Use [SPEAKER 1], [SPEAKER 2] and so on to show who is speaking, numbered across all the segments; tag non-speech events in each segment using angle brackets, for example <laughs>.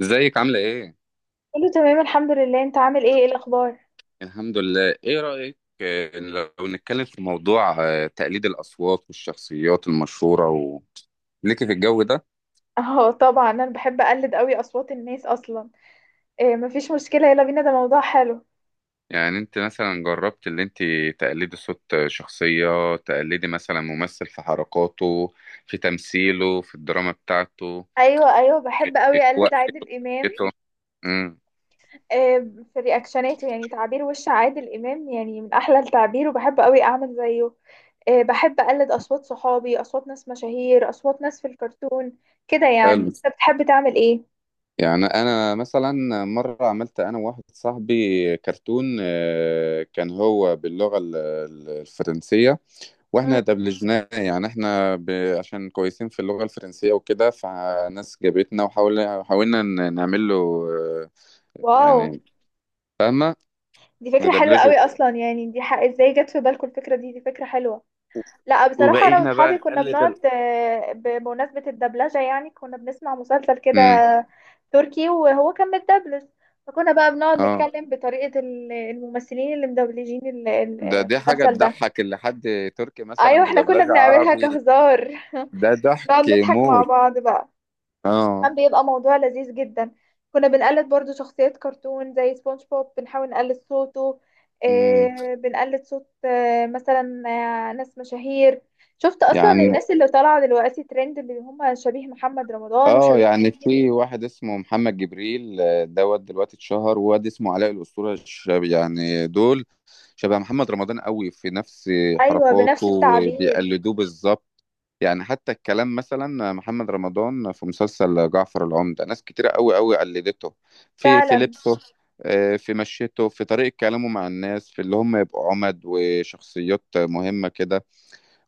[SPEAKER 1] ازيك عاملة ايه؟
[SPEAKER 2] كله تمام الحمد لله، انت عامل ايه؟ ايه الاخبار؟
[SPEAKER 1] الحمد لله، ايه رأيك لو نتكلم في موضوع تقليد الأصوات والشخصيات المشهورة ليكي في الجو ده؟
[SPEAKER 2] اه، طبعا انا بحب اقلد قوي اصوات الناس اصلا. إيه، مفيش مشكله، يلا بينا، ده موضوع حلو.
[SPEAKER 1] يعني انت مثلا جربت اللي انت تقلدي صوت شخصية، تقلدي مثلا ممثل في حركاته، في تمثيله، في الدراما بتاعته،
[SPEAKER 2] ايوه بحب
[SPEAKER 1] في
[SPEAKER 2] قوي اقلد
[SPEAKER 1] وقته،
[SPEAKER 2] عادل
[SPEAKER 1] في
[SPEAKER 2] امام.
[SPEAKER 1] حركته. امم.
[SPEAKER 2] إيه، في رياكشناته، يعني تعبير وش عادل امام يعني من احلى التعبير، وبحب قوي اعمل زيه. إيه، بحب اقلد اصوات صحابي، اصوات ناس مشاهير، اصوات ناس في الكرتون كده. يعني
[SPEAKER 1] حلو.
[SPEAKER 2] انت بتحب تعمل ايه؟
[SPEAKER 1] يعني انا مثلا مره عملت انا وواحد صاحبي كرتون، كان هو باللغه الفرنسيه،
[SPEAKER 2] مم.
[SPEAKER 1] واحنا اتقبلجناه. يعني عشان كويسين في اللغة الفرنسية وكده، فناس جابتنا وحاولنا نعمل له آه،
[SPEAKER 2] واو،
[SPEAKER 1] يعني، فاهمة؟
[SPEAKER 2] دي فكره حلوه
[SPEAKER 1] ندبلجه
[SPEAKER 2] قوي
[SPEAKER 1] وكده،
[SPEAKER 2] اصلا. يعني دي حق ازاي جت في بالكم الفكره دي؟ دي فكره حلوه. لا، بصراحة أنا
[SPEAKER 1] وبقينا بقى
[SPEAKER 2] وأصحابي كنا
[SPEAKER 1] نقلد
[SPEAKER 2] بنقعد، بمناسبة الدبلجة يعني، كنا بنسمع مسلسل كده
[SPEAKER 1] امم.
[SPEAKER 2] تركي وهو كان متدبلج. فكنا بقى بنقعد
[SPEAKER 1] اه.
[SPEAKER 2] نتكلم بطريقة الممثلين اللي مدبلجين
[SPEAKER 1] دي حاجة
[SPEAKER 2] المسلسل ده.
[SPEAKER 1] تضحك، اللي حد تركي
[SPEAKER 2] أيوة
[SPEAKER 1] مثلا
[SPEAKER 2] احنا كنا
[SPEAKER 1] بدبلجة
[SPEAKER 2] بنعملها
[SPEAKER 1] عربي.
[SPEAKER 2] كهزار.
[SPEAKER 1] ده
[SPEAKER 2] <laughs>
[SPEAKER 1] ضحك
[SPEAKER 2] نقعد نضحك مع
[SPEAKER 1] موت.
[SPEAKER 2] بعض بقى.
[SPEAKER 1] اه.
[SPEAKER 2] كان بيبقى موضوع لذيذ جدا. كنا بنقلد برضو شخصيات كرتون زي سبونج بوب، بنحاول نقلد صوته.
[SPEAKER 1] امم.
[SPEAKER 2] إيه، بنقلد صوت، مثلا، ناس مشاهير. شفت اصلا
[SPEAKER 1] يعني
[SPEAKER 2] الناس اللي طالعه دلوقتي ترند، اللي هم شبيه محمد رمضان
[SPEAKER 1] اه
[SPEAKER 2] وشبيه
[SPEAKER 1] يعني
[SPEAKER 2] منير؟
[SPEAKER 1] في واحد اسمه محمد جبريل، دوت دلوقتي اتشهر، وواد اسمه علاء الأسطورة الشاب. يعني دول شبه محمد رمضان قوي، في نفس
[SPEAKER 2] ايوه،
[SPEAKER 1] حركاته
[SPEAKER 2] بنفس التعبير.
[SPEAKER 1] وبيقلدوه بالظبط. يعني حتى الكلام، مثلا محمد رمضان في مسلسل جعفر العمدة، ناس كتيرة قوي قوي قلدته في
[SPEAKER 2] فعلا.
[SPEAKER 1] لبسه، في مشيته، في طريقة كلامه مع الناس، في اللي هم يبقوا عمد وشخصيات مهمة كده.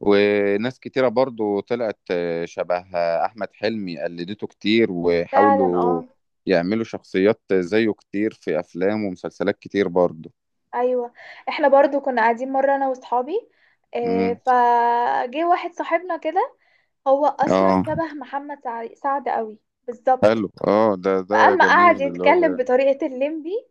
[SPEAKER 1] وناس كتيرة برضو طلعت شبه أحمد حلمي، قلدته كتير،
[SPEAKER 2] فعلا،
[SPEAKER 1] وحاولوا
[SPEAKER 2] اه.
[SPEAKER 1] يعملوا شخصيات زيه كتير في أفلام ومسلسلات كتير برضو.
[SPEAKER 2] ايوه، احنا برضو كنا قاعدين مره انا واصحابي. إيه،
[SPEAKER 1] مم.
[SPEAKER 2] فجه واحد صاحبنا كده، هو اصلا
[SPEAKER 1] اه.
[SPEAKER 2] شبه محمد سعد قوي، بالظبط.
[SPEAKER 1] حلو. اه. ده
[SPEAKER 2] فاما قعد
[SPEAKER 1] جميل اللي هو.
[SPEAKER 2] يتكلم بطريقه الليمبي،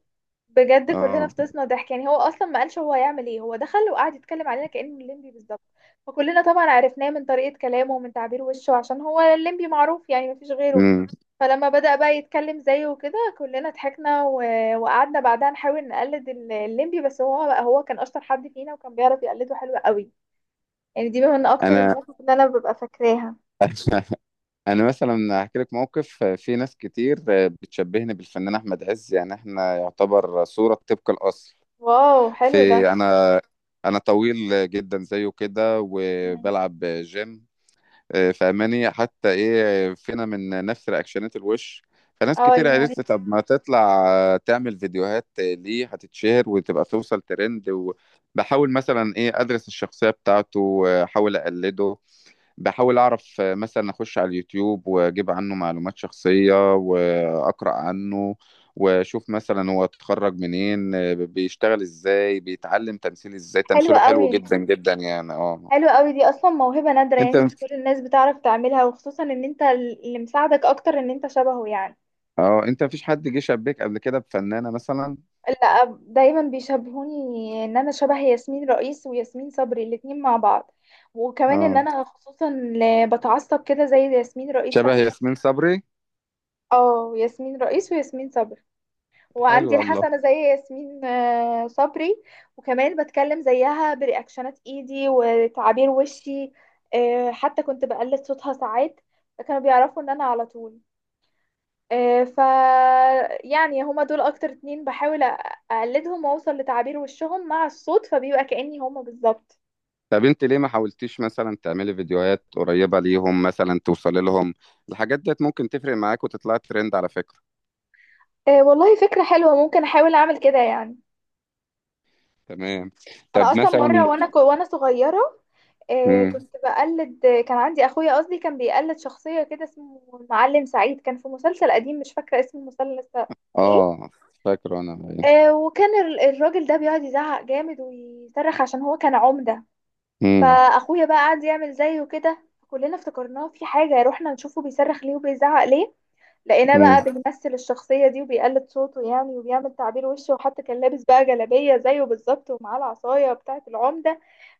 [SPEAKER 2] بجد كلنا
[SPEAKER 1] اه.
[SPEAKER 2] فطسنا ضحك. يعني هو اصلا ما قالش هو هيعمل ايه، هو دخل وقعد يتكلم علينا كانه الليمبي بالظبط. فكلنا طبعا عرفناه من طريقه كلامه ومن تعبير وشه، عشان هو الليمبي معروف، يعني مفيش غيره.
[SPEAKER 1] مم.
[SPEAKER 2] فلما بدأ بقى يتكلم زيه وكده كلنا ضحكنا وقعدنا بعدها نحاول نقلد الليمبي، بس هو بقى، هو كان اشطر حد فينا وكان بيعرف يقلده حلو قوي. يعني دي من اكتر
[SPEAKER 1] انا
[SPEAKER 2] المواقف اللي انا ببقى فاكراها.
[SPEAKER 1] انا مثلا هحكي لك موقف. في ناس كتير بتشبهني بالفنان احمد عز، يعني احنا يعتبر صورة طبق الاصل.
[SPEAKER 2] واو، حلو ده.
[SPEAKER 1] في انا انا طويل جدا زيه كده،
[SPEAKER 2] مم.
[SPEAKER 1] وبلعب جيم، فاهماني؟ حتى ايه فينا من نفس رياكشنات الوش. فناس
[SPEAKER 2] اه،
[SPEAKER 1] كتير
[SPEAKER 2] يعني
[SPEAKER 1] قالت لي طب ما تطلع، تعمل فيديوهات، ليه هتتشهر وتبقى توصل ترند؟ وبحاول مثلا ايه ادرس الشخصية بتاعته، احاول اقلده، بحاول اعرف، مثلا اخش على اليوتيوب واجيب عنه معلومات شخصية واقرأ عنه، واشوف مثلا هو اتخرج منين، بيشتغل ازاي، بيتعلم تمثيل ازاي.
[SPEAKER 2] حلو
[SPEAKER 1] تمثيله حلو
[SPEAKER 2] قوي.
[SPEAKER 1] جدا جدا يعني. اه.
[SPEAKER 2] حلو قوي، دي اصلا موهبة نادرة، يعني
[SPEAKER 1] انت
[SPEAKER 2] مش كل الناس بتعرف تعملها، وخصوصا ان انت اللي مساعدك اكتر ان انت شبهه يعني.
[SPEAKER 1] اه انت مفيش حد جه شبيك قبل كده بفنانة مثلا؟
[SPEAKER 2] لا، دايما بيشبهوني ان انا شبه ياسمين رئيس وياسمين صبري الاتنين مع بعض. وكمان ان
[SPEAKER 1] اه،
[SPEAKER 2] انا خصوصا بتعصب كده زي ياسمين رئيس
[SPEAKER 1] شبه
[SPEAKER 2] لما كان.
[SPEAKER 1] ياسمين صبري.
[SPEAKER 2] اه، ياسمين رئيس وياسمين صبري.
[SPEAKER 1] حلو
[SPEAKER 2] وعندي
[SPEAKER 1] والله.
[SPEAKER 2] الحسنة زي ياسمين صبري. وكمان بتكلم زيها برياكشنات ايدي وتعابير وشي. حتى كنت بقلد صوتها ساعات، كانوا بيعرفوا ان انا على طول. آه، ف يعني هما دول اكتر اتنين بحاول اقلدهم واوصل لتعابير وشهم مع الصوت، فبيبقى كأني هما بالظبط.
[SPEAKER 1] طب انت ليه ما حاولتيش مثلا تعملي فيديوهات قريبة ليهم، مثلا توصلي لهم؟ الحاجات ديت ممكن تفرق معاك وتطلعي ترند، على فكرة.
[SPEAKER 2] والله فكرة حلوة، ممكن احاول اعمل كده يعني.
[SPEAKER 1] تمام. طب
[SPEAKER 2] انا اصلا
[SPEAKER 1] مثلا.
[SPEAKER 2] مرة وانا وانا صغيرة،
[SPEAKER 1] مم.
[SPEAKER 2] كنت بقلد. كان عندي اخويا، قصدي كان بيقلد شخصية كده اسمه المعلم سعيد، كان في مسلسل قديم مش فاكرة اسم المسلسل لسه. ايه،
[SPEAKER 1] اه. فاكره انا.
[SPEAKER 2] وكان الراجل ده بيقعد يزعق جامد ويصرخ، عشان هو كان عمدة.
[SPEAKER 1] مم.
[SPEAKER 2] فاخويا بقى قعد يعمل زيه كده، كلنا افتكرناه في حاجه، رحنا نشوفه بيصرخ ليه وبيزعق ليه. لقيناه
[SPEAKER 1] مم.
[SPEAKER 2] بقى بيمثل الشخصيه دي وبيقلد صوته يعني وبيعمل تعبير وشه، وحتى كان لابس بقى جلابيه زيه بالظبط ومعاه العصايه بتاعه العمده.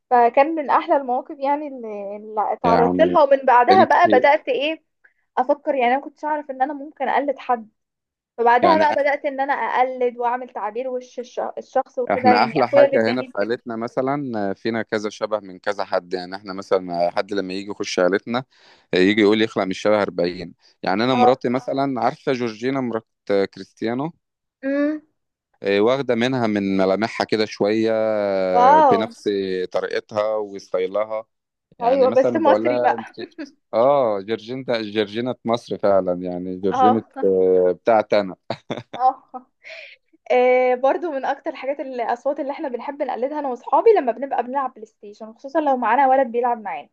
[SPEAKER 2] فكان من احلى المواقف يعني اللي اتعرضت
[SPEAKER 1] يعني
[SPEAKER 2] لها. ومن بعدها
[SPEAKER 1] انت
[SPEAKER 2] بقى بدات ايه افكر، يعني انا كنتش اعرف ان انا ممكن اقلد حد. فبعدها
[SPEAKER 1] يعني
[SPEAKER 2] بقى بدات ان انا اقلد واعمل تعبير وش الشخص وكده،
[SPEAKER 1] احنا
[SPEAKER 2] يعني
[SPEAKER 1] احلى
[SPEAKER 2] اخويا اللي
[SPEAKER 1] حاجة
[SPEAKER 2] اداني
[SPEAKER 1] هنا في
[SPEAKER 2] الفكره.
[SPEAKER 1] عيلتنا، مثلا فينا كذا شبه من كذا حد. يعني احنا مثلا، حد لما يجي يخش عيلتنا يجي يقول يخلق من الشبه 40. يعني انا
[SPEAKER 2] اه.
[SPEAKER 1] مراتي مثلا، عارفة جورجينا مرات كريستيانو؟
[SPEAKER 2] امم.
[SPEAKER 1] اه، واخدة منها من ملامحها كده شوية،
[SPEAKER 2] واو.
[SPEAKER 1] بنفس طريقتها وستايلها. يعني
[SPEAKER 2] ايوه، بس
[SPEAKER 1] مثلا بقول
[SPEAKER 2] مصري
[SPEAKER 1] لها انت
[SPEAKER 2] بقى.
[SPEAKER 1] اه جورجينا. جورجينا مصر فعلا، يعني
[SPEAKER 2] اه.
[SPEAKER 1] جورجينا، بتاعت انا.
[SPEAKER 2] اه. برضو من اكتر الحاجات الاصوات اللي احنا بنحب نقلدها انا واصحابي، لما بنبقى بنلعب بلاي ستيشن، خصوصا لو معانا ولد بيلعب معانا،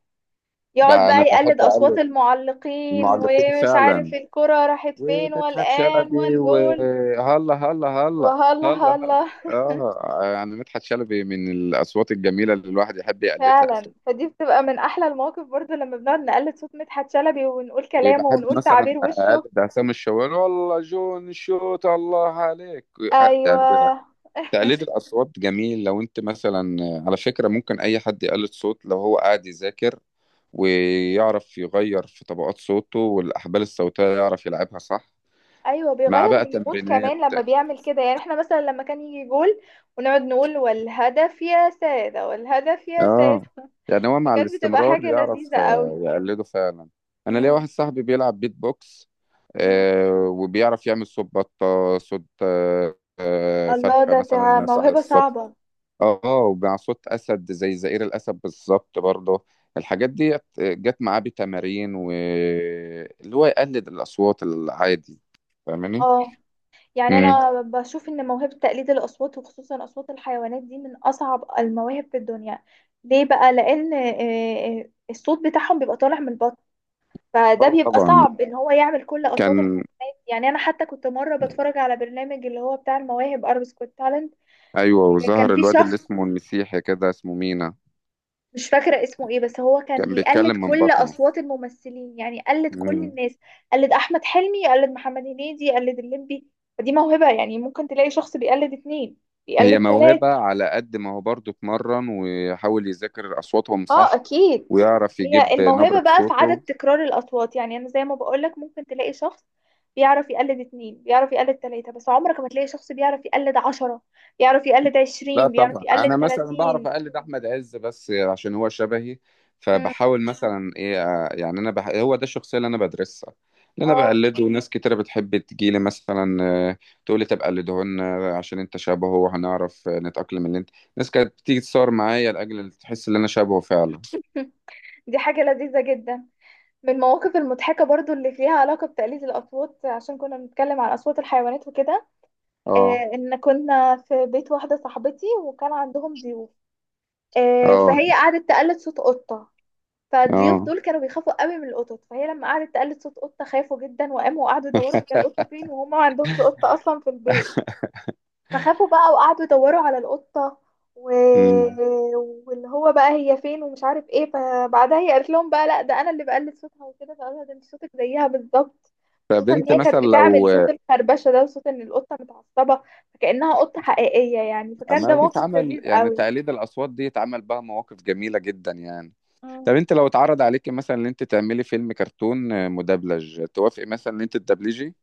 [SPEAKER 2] يقعد
[SPEAKER 1] بقى
[SPEAKER 2] بقى
[SPEAKER 1] انا بحب
[SPEAKER 2] يقلد اصوات
[SPEAKER 1] اقلد
[SPEAKER 2] المعلقين
[SPEAKER 1] المعلقين
[SPEAKER 2] ومش
[SPEAKER 1] فعلا،
[SPEAKER 2] عارف الكرة راحت فين
[SPEAKER 1] ومدحت
[SPEAKER 2] والان
[SPEAKER 1] شلبي،
[SPEAKER 2] والجول.
[SPEAKER 1] وهلا هلا هلا
[SPEAKER 2] وهلا
[SPEAKER 1] هلا هلا.
[SPEAKER 2] هلا.
[SPEAKER 1] اه، يعني مدحت شلبي من الاصوات الجميله اللي الواحد يحب يقلدها
[SPEAKER 2] فعلا،
[SPEAKER 1] اساسا.
[SPEAKER 2] فدي بتبقى من احلى المواقف برضو لما بنقعد نقلد صوت مدحت شلبي ونقول كلامه
[SPEAKER 1] وبحب
[SPEAKER 2] ونقول
[SPEAKER 1] مثلا
[SPEAKER 2] تعابير وشه.
[SPEAKER 1] اقلد عصام الشوالي، والله جون شوت الله عليك. يعني
[SPEAKER 2] ايوه
[SPEAKER 1] تقليد الاصوات جميل، لو انت مثلا، على فكره، ممكن اي حد يقلد صوت لو هو قاعد يذاكر، ويعرف يغير في طبقات صوته، والاحبال الصوتيه يعرف يلعبها صح
[SPEAKER 2] ايوه
[SPEAKER 1] مع
[SPEAKER 2] بيغير
[SPEAKER 1] بقى
[SPEAKER 2] من المود
[SPEAKER 1] تمرينات.
[SPEAKER 2] كمان لما بيعمل كده. يعني احنا مثلا لما كان يجي جول ونقعد نقول والهدف يا سادة، والهدف يا
[SPEAKER 1] اه،
[SPEAKER 2] سادة. <laughs>
[SPEAKER 1] يعني هو مع
[SPEAKER 2] فكانت بتبقى
[SPEAKER 1] الاستمرار
[SPEAKER 2] حاجة
[SPEAKER 1] يعرف
[SPEAKER 2] لذيذة قوي.
[SPEAKER 1] يقلده فعلا. انا ليا
[SPEAKER 2] امم
[SPEAKER 1] واحد صاحبي بيلعب بيت بوكس،
[SPEAKER 2] امم
[SPEAKER 1] وبيعرف يعمل صوت بطة، صوت
[SPEAKER 2] الله،
[SPEAKER 1] فرخة
[SPEAKER 2] ده
[SPEAKER 1] مثلا، صح
[SPEAKER 2] موهبة
[SPEAKER 1] الصوت.
[SPEAKER 2] صعبة.
[SPEAKER 1] اه، ومع صوت اسد، زي زئير الاسد بالظبط برضه.
[SPEAKER 2] مم.
[SPEAKER 1] الحاجات دي جت معاه بتمارين، و اللي هو يقلد الاصوات العادي. فاهماني؟
[SPEAKER 2] اه، يعني
[SPEAKER 1] امم.
[SPEAKER 2] انا بشوف ان موهبة تقليد الاصوات، وخصوصا اصوات الحيوانات، دي من اصعب المواهب في الدنيا. ليه بقى؟ لان، الصوت بتاعهم بيبقى طالع من البطن، فده
[SPEAKER 1] اه
[SPEAKER 2] بيبقى
[SPEAKER 1] طبعا.
[SPEAKER 2] صعب ان هو يعمل كل اصوات
[SPEAKER 1] كان
[SPEAKER 2] الحيوانات. يعني انا حتى كنت مره بتفرج على برنامج اللي هو بتاع المواهب، اربس كوت تالنت.
[SPEAKER 1] ايوه،
[SPEAKER 2] كان
[SPEAKER 1] وظهر
[SPEAKER 2] في
[SPEAKER 1] الواد اللي
[SPEAKER 2] شخص
[SPEAKER 1] اسمه المسيحي كده، اسمه مينا،
[SPEAKER 2] مش فاكره اسمه ايه، بس هو كان
[SPEAKER 1] كان
[SPEAKER 2] بيقلد
[SPEAKER 1] بيتكلم من
[SPEAKER 2] كل
[SPEAKER 1] بطنه.
[SPEAKER 2] اصوات الممثلين، يعني قلد كل
[SPEAKER 1] مم.
[SPEAKER 2] الناس، قلد احمد حلمي، قلد محمد هنيدي، قلد الليمبي. فدي موهبه، يعني ممكن تلاقي شخص بيقلد اتنين،
[SPEAKER 1] هي
[SPEAKER 2] بيقلد
[SPEAKER 1] موهبة
[SPEAKER 2] تلاته.
[SPEAKER 1] على قد ما هو برضه اتمرن ويحاول يذاكر أصواتهم،
[SPEAKER 2] اه،
[SPEAKER 1] صح؟
[SPEAKER 2] اكيد.
[SPEAKER 1] ويعرف
[SPEAKER 2] هي
[SPEAKER 1] يجيب
[SPEAKER 2] الموهبة
[SPEAKER 1] نبرة
[SPEAKER 2] بقى في عدد
[SPEAKER 1] صوته.
[SPEAKER 2] تكرار الاصوات. يعني انا زي ما بقولك، ممكن تلاقي شخص بيعرف يقلد اتنين، بيعرف يقلد تلاتة، بس عمرك ما تلاقي شخص بيعرف يقلد عشرة، بيعرف يقلد
[SPEAKER 1] لا
[SPEAKER 2] عشرين، بيعرف
[SPEAKER 1] طبعا،
[SPEAKER 2] يقلد
[SPEAKER 1] أنا مثلا بعرف
[SPEAKER 2] تلاتين.
[SPEAKER 1] أقلد أحمد عز بس عشان هو شبهي.
[SPEAKER 2] مم.
[SPEAKER 1] فبحاول مثلا إيه، يعني هو ده الشخصية اللي أنا بدرسها، اللي أنا
[SPEAKER 2] اه.
[SPEAKER 1] بقلده. ناس كتيرة بتحب تجيلي مثلا، آه، تقولي طب قلده لنا عشان أنت شبهه، وهنعرف، نتأقلم. اللي أنت ناس كانت بتيجي تصور معايا، لأجل تحس إن أنا شبهه فعلا.
[SPEAKER 2] <laughs> دي حاجة لذيذة جدا. من المواقف المضحكة برضو اللي ليها علاقة بتقليد الأصوات، عشان كنا بنتكلم عن أصوات الحيوانات وكده،
[SPEAKER 1] أه.
[SPEAKER 2] آه، إن كنا في بيت واحدة صاحبتي وكان عندهم ضيوف. آه،
[SPEAKER 1] أه.
[SPEAKER 2] فهي قعدت تقلد صوت قطة. فالضيوف
[SPEAKER 1] أه.
[SPEAKER 2] دول كانوا بيخافوا قوي من القطط، فهي لما قعدت تقلد صوت قطة خافوا جدا وقاموا وقعدوا يدوروا هي القطة فين، وهم ما عندهمش قطة أصلا في البيت. فخافوا بقى وقعدوا يدوروا على القطة و...
[SPEAKER 1] مم.
[SPEAKER 2] واللي هو بقى هي فين ومش عارف ايه. فبعدها هي قالت لهم بقى لا ده انا اللي بقلد صوتها وكده، فقالوا لها ده انت صوتك زيها بالظبط، خصوصا ان
[SPEAKER 1] فبنت
[SPEAKER 2] هي كانت
[SPEAKER 1] مثلا لو
[SPEAKER 2] بتعمل صوت الخربشة ده وصوت ان القطة متعصبة، فكأنها قطة حقيقية يعني. فكان
[SPEAKER 1] ما
[SPEAKER 2] ده موقف
[SPEAKER 1] بيتعمل،
[SPEAKER 2] لذيذ
[SPEAKER 1] يعني
[SPEAKER 2] قوي.
[SPEAKER 1] تقليد الأصوات دي اتعمل بها مواقف جميلة جدا يعني. طب
[SPEAKER 2] مم.
[SPEAKER 1] انت لو اتعرض عليك مثلا ان انت تعملي فيلم كرتون مدبلج، توافقي مثلا ان انت تدبلجي؟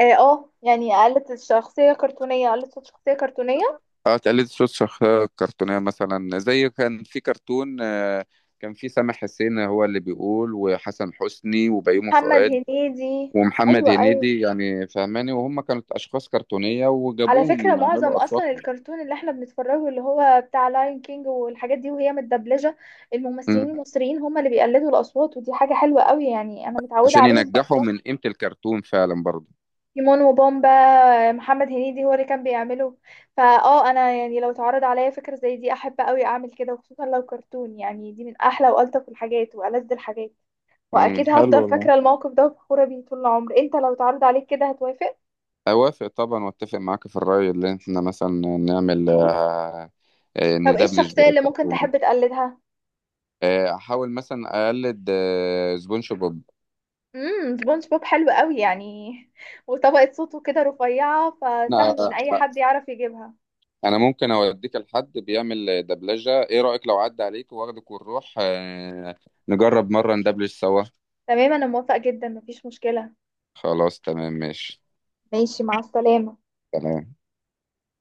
[SPEAKER 2] اه. يعني قالت الشخصية كرتونية، قالت صوت شخصية كرتونية.
[SPEAKER 1] اه، تقلد صوت شخصية كرتونية، مثلا زي كان في كرتون، كان في سامح حسين هو اللي بيقول، وحسن حسني، وبيومي
[SPEAKER 2] محمد
[SPEAKER 1] فؤاد،
[SPEAKER 2] هنيدي.
[SPEAKER 1] ومحمد
[SPEAKER 2] ايوه،
[SPEAKER 1] هنيدي، يعني فهماني؟ وهم كانت أشخاص كرتونية،
[SPEAKER 2] على
[SPEAKER 1] وجابوهم
[SPEAKER 2] فكره معظم
[SPEAKER 1] يعملوا
[SPEAKER 2] اصلا
[SPEAKER 1] أصواتهم.
[SPEAKER 2] الكرتون اللي احنا بنتفرجه اللي هو بتاع لاين كينج والحاجات دي، وهي متدبلجه، الممثلين
[SPEAKER 1] مم.
[SPEAKER 2] المصريين هم اللي بيقلدوا الاصوات. ودي حاجه حلوه قوي، يعني انا متعوده
[SPEAKER 1] عشان
[SPEAKER 2] عليهم
[SPEAKER 1] ينجحوا
[SPEAKER 2] باصوات
[SPEAKER 1] من قيمة الكرتون فعلا برضه.
[SPEAKER 2] تيمون وبومبا. محمد هنيدي هو اللي كان بيعمله. فاه انا يعني لو اتعرض عليا فكره زي دي احب قوي اعمل كده، وخصوصا لو كرتون، يعني دي من احلى والطف الحاجات والذ الحاجات.
[SPEAKER 1] امم،
[SPEAKER 2] واكيد
[SPEAKER 1] حلو
[SPEAKER 2] هفضل
[SPEAKER 1] والله،
[SPEAKER 2] فاكره الموقف ده وفخوره بيه طول العمر. انت لو اتعرض عليك كده هتوافق؟
[SPEAKER 1] اوافق طبعا، واتفق معاك في الرأي، اللي احنا مثلا نعمل،
[SPEAKER 2] طب ايه
[SPEAKER 1] ندبلج
[SPEAKER 2] الشخصية اللي ممكن
[SPEAKER 1] كرتون.
[SPEAKER 2] تحب تقلدها؟
[SPEAKER 1] احاول مثلا اقلد سبونج بوب.
[SPEAKER 2] امم، سبونج بوب حلو قوي يعني، وطبقة صوته كده رفيعة، فسهل ان
[SPEAKER 1] انا
[SPEAKER 2] اي حد يعرف يجيبها.
[SPEAKER 1] انا ممكن اوديك لحد بيعمل دبلجة. ايه رأيك لو عدى عليك واخدك ونروح، نجرب مرة ندبلج سوا؟
[SPEAKER 2] تمام، انا موافقة جدا، مفيش مشكلة.
[SPEAKER 1] خلاص تمام ماشي.
[SPEAKER 2] ماشي، مع السلامة.
[SPEAKER 1] تمام.